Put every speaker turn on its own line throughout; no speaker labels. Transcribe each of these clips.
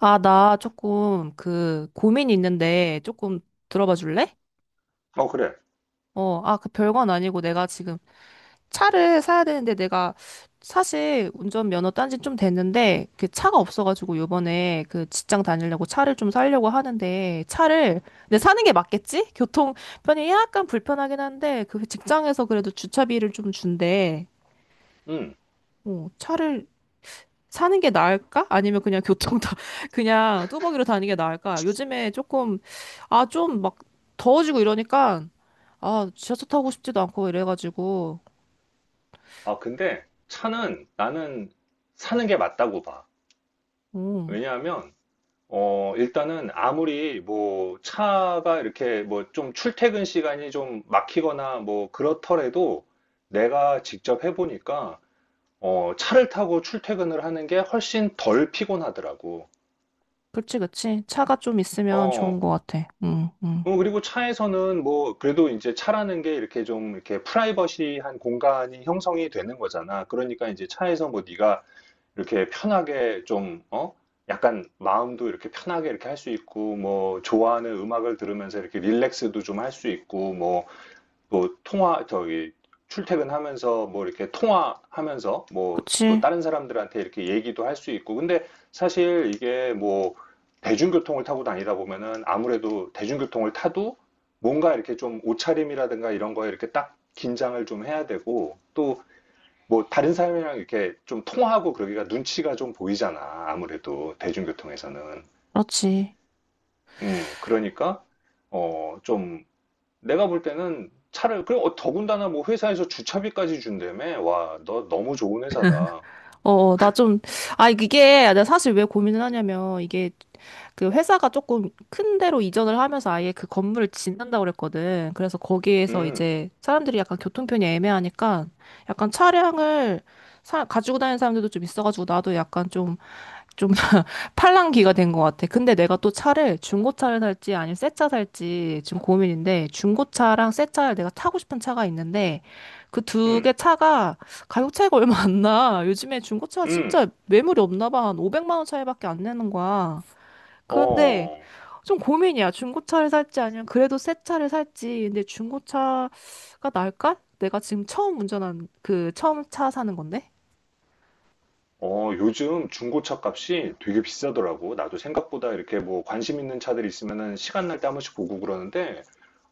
아, 나 조금 그 고민이 있는데 조금 들어봐 줄래?
어, 그래.
그 별건 아니고 내가 지금 차를 사야 되는데 내가 사실 운전면허 딴지 좀 됐는데 그 차가 없어가지고 요번에 그 직장 다니려고 차를 좀 사려고 하는데 차를 근데
음,
사는 게 맞겠지? 교통 편이 약간 불편하긴 한데 그 직장에서 그래도 주차비를 좀 준대.
음.
차를 사는 게 나을까? 아니면 그냥 교통 다 그냥 뚜벅이로 다니는 게 나을까? 요즘에 조금 아 좀 막 더워지고 이러니까 아 지하철 타고 싶지도 않고 이래가지고.
아, 근데 차는 나는 사는 게 맞다고 봐.
음
왜냐하면, 일단은 아무리 뭐 차가 이렇게 뭐 좀 출퇴근 시간이 좀 막히거나 뭐 그렇더라도 내가 직접 해보니까, 차를 타고 출퇴근을 하는 게 훨씬 덜 피곤하더라고.
그치, 그치, 차가 좀 있으면
어,
좋은 것 같아. 음음.
그리고 차에서는 뭐 그래도 이제 차라는 게 이렇게 좀 이렇게 프라이버시한 공간이 형성이 되는 거잖아. 그러니까 이제 차에서 뭐 네가 이렇게 편하게 좀, 어? 약간 마음도 이렇게 편하게 이렇게 할 수 있고, 뭐, 좋아하는 음악을 들으면서 이렇게 릴렉스도 좀 할 수 있고, 뭐, 또 통화, 저기, 출퇴근하면서 뭐 이렇게 통화하면서 뭐 또
그치.
다른 사람들한테 이렇게 얘기도 할 수 있고. 근데 사실 이게 뭐 대중교통을 타고 다니다 보면은 아무래도 대중교통을 타도 뭔가 이렇게 좀 옷차림이라든가 이런 거에 이렇게 딱 긴장을 좀 해야 되고, 또 뭐 다른 사람이랑 이렇게 좀 통화하고 그러기가 눈치가 좀 보이잖아. 아무래도 대중교통에서는.
그렇지.
그러니까 좀 내가 볼 때는 차를 그리고 더군다나 뭐 회사에서 주차비까지 준다며. 와, 너 너무 좋은 회사다.
어나 좀, 아 이게 내가 사실 왜 고민을 하냐면 이게 그 회사가 조금 큰 데로 이전을 하면서 아예 그 건물을 짓는다고 그랬거든. 그래서 거기에서
음,
이제 사람들이 약간 교통편이 애매하니까 약간 차량을 사, 가지고 다니는 사람들도 좀 있어가지고 나도 약간 좀, 좀 팔랑귀가 된 것 같아. 근데 내가 또 차를 중고차를 살지 아니면 새차 살지 지금 고민인데 중고차랑 새 차를 내가 타고 싶은 차가 있는데 그 두
음,
개 차가 가격 차이가 얼마 안 나. 요즘에 중고차가
음.
진짜 매물이 없나 봐. 한 500만 원 차이밖에 안 내는 거야. 그런데
어.
좀 고민이야. 중고차를 살지 아니면 그래도 새 차를 살지. 근데 중고차가 나을까? 내가 지금 처음 운전한 그 처음 차 사는 건데.
요즘 중고차 값이 되게 비싸더라고. 나도 생각보다 이렇게 뭐 관심 있는 차들이 있으면은 시간 날 때 한 번씩 보고 그러는데,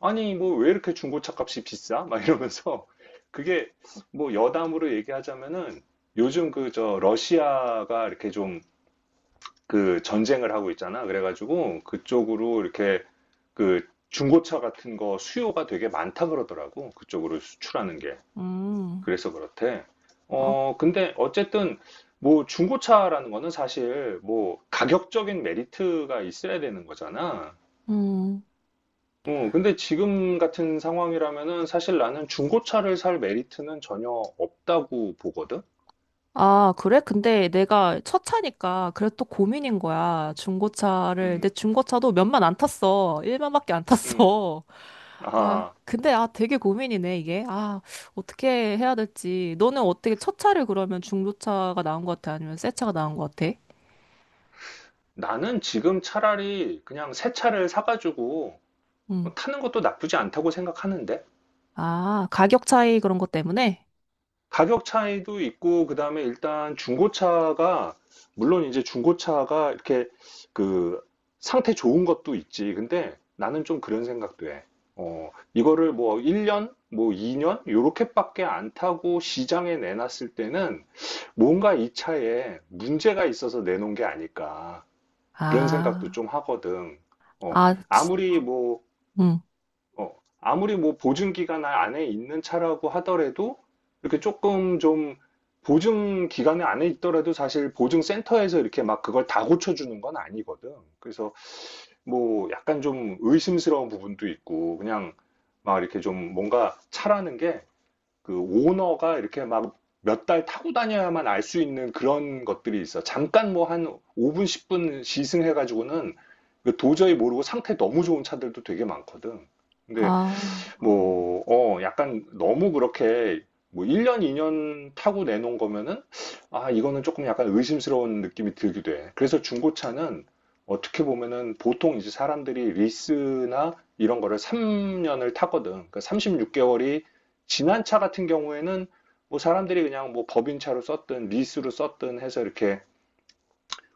아니, 뭐 왜 이렇게 중고차 값이 비싸? 막 이러면서, 그게 뭐 여담으로 얘기하자면은 요즘 그 저 러시아가 이렇게 좀 그 전쟁을 하고 있잖아. 그래가지고 그쪽으로 이렇게 그 중고차 같은 거 수요가 되게 많다 그러더라고. 그쪽으로 수출하는 게.
음.
그래서 그렇대.
아,
근데 어쨌든 뭐 중고차라는 거는 사실 뭐 가격적인 메리트가 있어야 되는 거잖아.
음.
근데 지금 같은 상황이라면은 사실 나는 중고차를 살 메리트는 전혀 없다고 보거든.
아, 그래? 근데 내가 첫 차니까 그래도 또 고민인 거야. 중고차를.
음,
내 중고차도 몇만 안 탔어. 1만밖에 안
음.
탔어. 아,
아,
근데 아 되게 고민이네, 이게. 아, 어떻게 해야 될지. 너는 어떻게 첫 차를 그러면 중고차가 나은 것 같아? 아니면 새 차가 나은 것 같아?
나는 지금 차라리 그냥 새 차를 사가지고 타는 것도 나쁘지 않다고 생각하는데.
아, 가격 차이 그런 것 때문에?
가격 차이도 있고, 그 다음에 일단 중고차가, 물론 이제 중고차가 이렇게 그 상태 좋은 것도 있지. 근데 나는 좀 그런 생각도 해. 이거를 뭐 1년, 뭐 2년, 요렇게밖에 안 타고 시장에 내놨을 때는 뭔가 이 차에 문제가 있어서 내놓은 게 아닐까. 그런 생각도
아,
좀 하거든. 어,
아, 치-.
아무리 뭐
응.
어, 아무리 뭐 보증 기간 안에 있는 차라고 하더라도 이렇게 조금 좀 보증 기간 에 안에 있더라도 사실 보증센터에서 이렇게 막 그걸 다 고쳐주는 건 아니거든. 그래서 뭐 약간 좀 의심스러운 부분도 있고 그냥 막 이렇게 좀 뭔가 차라는 게 그 오너가 이렇게 막 몇 달 타고 다녀야만 알 수 있는 그런 것들이 있어. 잠깐 뭐 한 5분, 10분 시승해가지고는 그 도저히 모르고 상태 너무 좋은 차들도 되게 많거든. 근데
아.
뭐, 약간 너무 그렇게 뭐 1년, 2년 타고 내놓은 거면은 아, 이거는 조금 약간 의심스러운 느낌이 들기도 해. 그래서 중고차는 어떻게 보면은 보통 이제 사람들이 리스나 이런 거를 3년을 타거든. 그러니까 36개월이 지난 차 같은 경우에는 뭐 사람들이 그냥 뭐 법인차로 썼든 리스로 썼든 해서 이렇게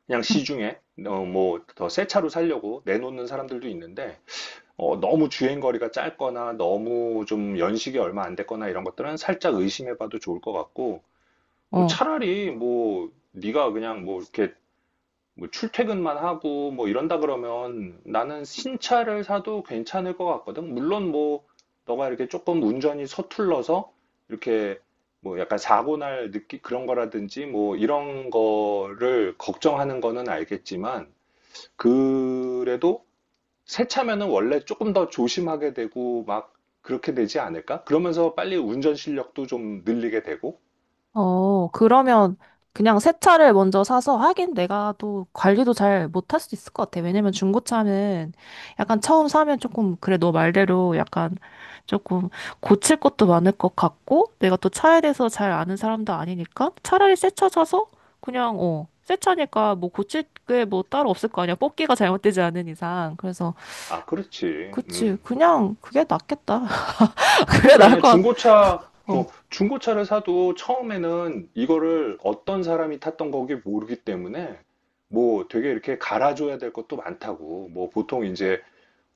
그냥
응.
시중에 뭐 더 새 차로 살려고 내놓는 사람들도 있는데 너무 주행거리가 짧거나 너무 좀 연식이 얼마 안 됐거나 이런 것들은 살짝 의심해봐도 좋을 것 같고 뭐
어.
차라리 뭐 네가 그냥 뭐 이렇게 뭐 출퇴근만 하고 뭐 이런다 그러면 나는 신차를 사도 괜찮을 것 같거든. 물론 뭐 너가 이렇게 조금 운전이 서툴러서 이렇게 뭐 약간 사고 날 느끼 그런 거라든지 뭐 이런 거를 걱정하는 거는 알겠지만 그래도 새 차면은 원래 조금 더 조심하게 되고 막 그렇게 되지 않을까? 그러면서 빨리 운전 실력도 좀 늘리게 되고.
어, 그러면 그냥 새 차를 먼저 사서 하긴 내가 또 관리도 잘 못할 수 있을 것 같아. 왜냐면 중고차는 약간 처음 사면 조금, 그래, 너 말대로 약간 조금 고칠 것도 많을 것 같고, 내가 또 차에 대해서 잘 아는 사람도 아니니까 차라리 새 차 사서 그냥, 어, 새 차니까 뭐 고칠 게 뭐 따로 없을 거 아니야. 뽑기가 잘못되지 않은 이상. 그래서
아, 그렇지.
그치.
음.
그냥 그게 낫겠다. 그게 나을
그래,
것 같아.
중고차,
어.
중고차를 사도 처음에는 이거를 어떤 사람이 탔던 거기 모르기 때문에 뭐 되게 이렇게 갈아줘야 될 것도 많다고. 뭐 보통 이제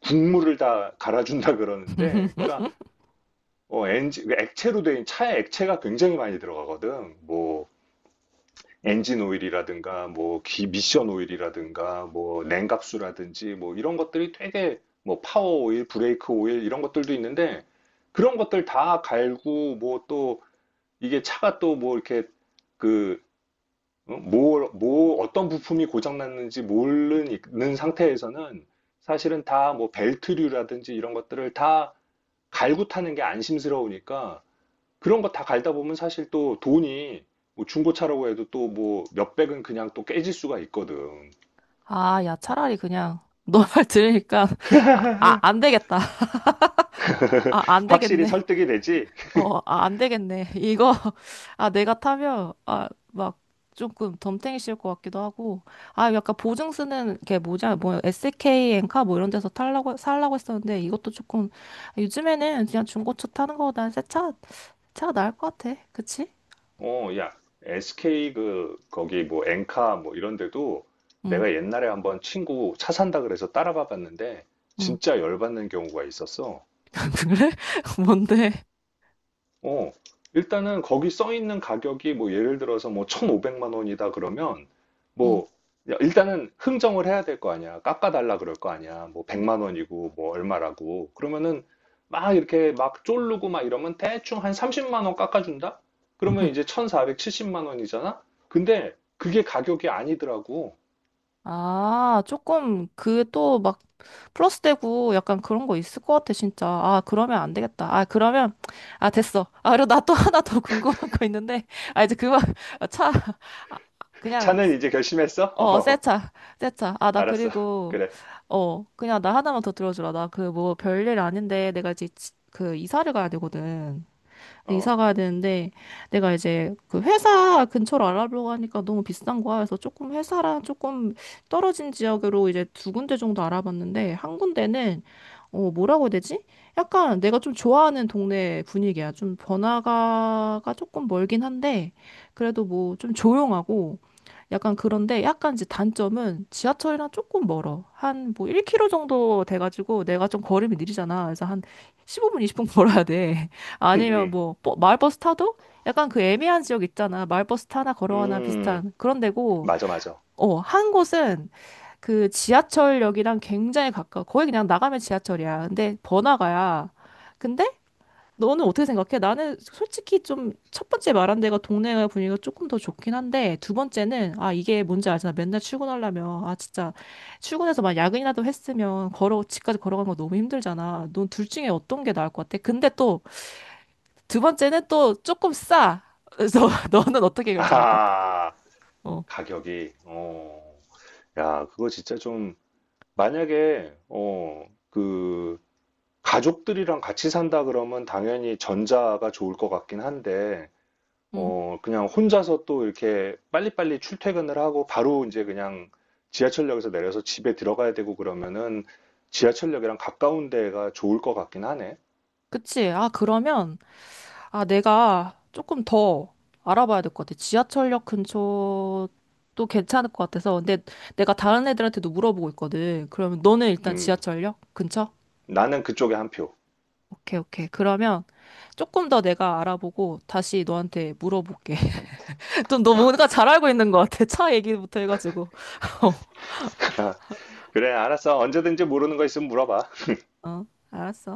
국물을 다 갈아준다 그러는데, 그러니까 엔진, 액체로 된 차에 액체가 굉장히 많이 들어가거든. 뭐 엔진 오일이라든가 뭐 미션 오일이라든가 뭐 냉각수라든지 뭐 이런 것들이 되게 뭐 파워 오일, 브레이크 오일 이런 것들도 있는데 그런 것들 다 갈고 뭐 또 이게 차가 또 뭐 이렇게 그 뭐 어떤 부품이 고장 났는지 모르는 상태에서는 사실은 다 뭐 벨트류라든지 이런 것들을 다 갈고 타는 게 안심스러우니까 그런 거 다 갈다 보면 사실 또 돈이 뭐 중고차라고 해도 또 뭐 몇백은 그냥 또 깨질 수가 있거든.
아, 야, 차라리 그냥 너 말 들으니까 아, 아, 안 되겠다. 아, 안
확실히
되겠네.
설득이 되지.
어, 아, 안 되겠네. 이거 아, 내가 타면 아, 막 조금 덤탱이 씌울 것 같기도 하고. 아, 약간 보증 쓰는 게 뭐냐? 뭐 SK 엔카 뭐 이런 데서 탈라고 살라고 했었는데 이것도 조금 요즘에는 그냥 중고차 타는 거보다는 새 차, 차가 나을 것 같아. 그치?
야, SK 그 거기 뭐 엔카 뭐 이런 데도
응.
내가 옛날에 한번 친구 차 산다 그래서 따라가 봤는데
응.
진짜 열받는 경우가 있었어.
그래? 뭔데?
어, 일단은 거기 써 있는 가격이 뭐 예를 들어서 뭐 1,500만 원이다 그러면
응. 응.
뭐 야, 일단은 흥정을 해야 될 거 아니야. 깎아달라 그럴 거 아니야. 뭐 100만 원이고 뭐 얼마라고. 그러면은 막 이렇게 막 쫄르고 막 이러면 대충 한 30만 원 깎아준다? 그러면 이제 1,470만 원이잖아? 근데 그게 가격이 아니더라고.
아, 조금 그 또 막 플러스 되고 약간 그런 거 있을 것 같아, 진짜. 아, 그러면 안 되겠다. 아, 그러면 아, 됐어. 아, 그리고 나 또 하나 더 궁금한 거 있는데. 아, 이제 그만 차 아, 그냥
자는 이제 결심했어?
어, 새
어,
차. 새 차. 아, 나
알았어.
그리고
그래.
어, 그냥 나 하나만 더 들어주라. 나 그 뭐 별일 아닌데 내가 이제 지- 그 이사를 가야 되거든. 이사
어.
가야 되는데 내가 이제 그 회사 근처로 알아보려고 하니까 너무 비싼 거야. 그래서 조금 회사랑 조금 떨어진 지역으로 이제 두 군데 정도 알아봤는데 한 군데는 어 뭐라고 해야 되지? 약간 내가 좀 좋아하는 동네 분위기야. 좀 번화가가 조금 멀긴 한데 그래도 뭐 좀 조용하고 약간 그런데 약간 이제 단점은 지하철이랑 조금 멀어. 한 뭐 1km 정도 돼가지고 내가 좀 걸음이 느리잖아. 그래서 한 15분, 20분 걸어야 돼. 아니면
음,
뭐 버- 마을버스 타도 약간 그 애매한 지역 있잖아. 마을버스 타나 걸어가나
음,
비슷한 그런 데고.
맞아, 맞아.
어, 한 곳은 그 지하철역이랑 굉장히 가까워. 거의 그냥 나가면 지하철이야. 근데 번화가야. 근데 너는 어떻게 생각해? 나는 솔직히 좀 첫 번째 말한 데가 동네 분위기가 조금 더 좋긴 한데 두 번째는 아 이게 뭔지 알잖아. 맨날 출근하려면 아 진짜 출근해서 막 야근이라도 했으면 걸어 집까지 걸어가는 거 너무 힘들잖아. 넌 둘 중에 어떤 게 나을 것 같아? 근데 또 두 번째는 또 조금 싸. 그래서 너는 어떻게 결정할 것 같아?
아,
어.
가격이, 야, 그거 진짜 좀, 만약에, 가족들이랑 같이 산다 그러면 당연히 전자가 좋을 것 같긴 한데,
응,
그냥 혼자서 또 이렇게 빨리빨리 출퇴근을 하고 바로 이제 그냥 지하철역에서 내려서 집에 들어가야 되고 그러면은 지하철역이랑 가까운 데가 좋을 것 같긴 하네.
그치. 아, 그러면, 아, 내가 조금 더 알아봐야 될 것 같아. 지하철역 근처도 괜찮을 것 같아서. 근데 내가 다른 애들한테도 물어보고 있거든. 그러면 너는 일단
음,
지하철역 근처?
나는 그쪽에 한 표.
오케이, 오케이. 그러면 조금 더 내가 알아보고 다시 너한테 물어볼게. 좀 너 뭔가 잘 알고 있는 것 같아. 차 얘기부터 해가지고.
그래, 알았어. 언제든지 모르는 거 있으면 물어봐.
어, 알았어.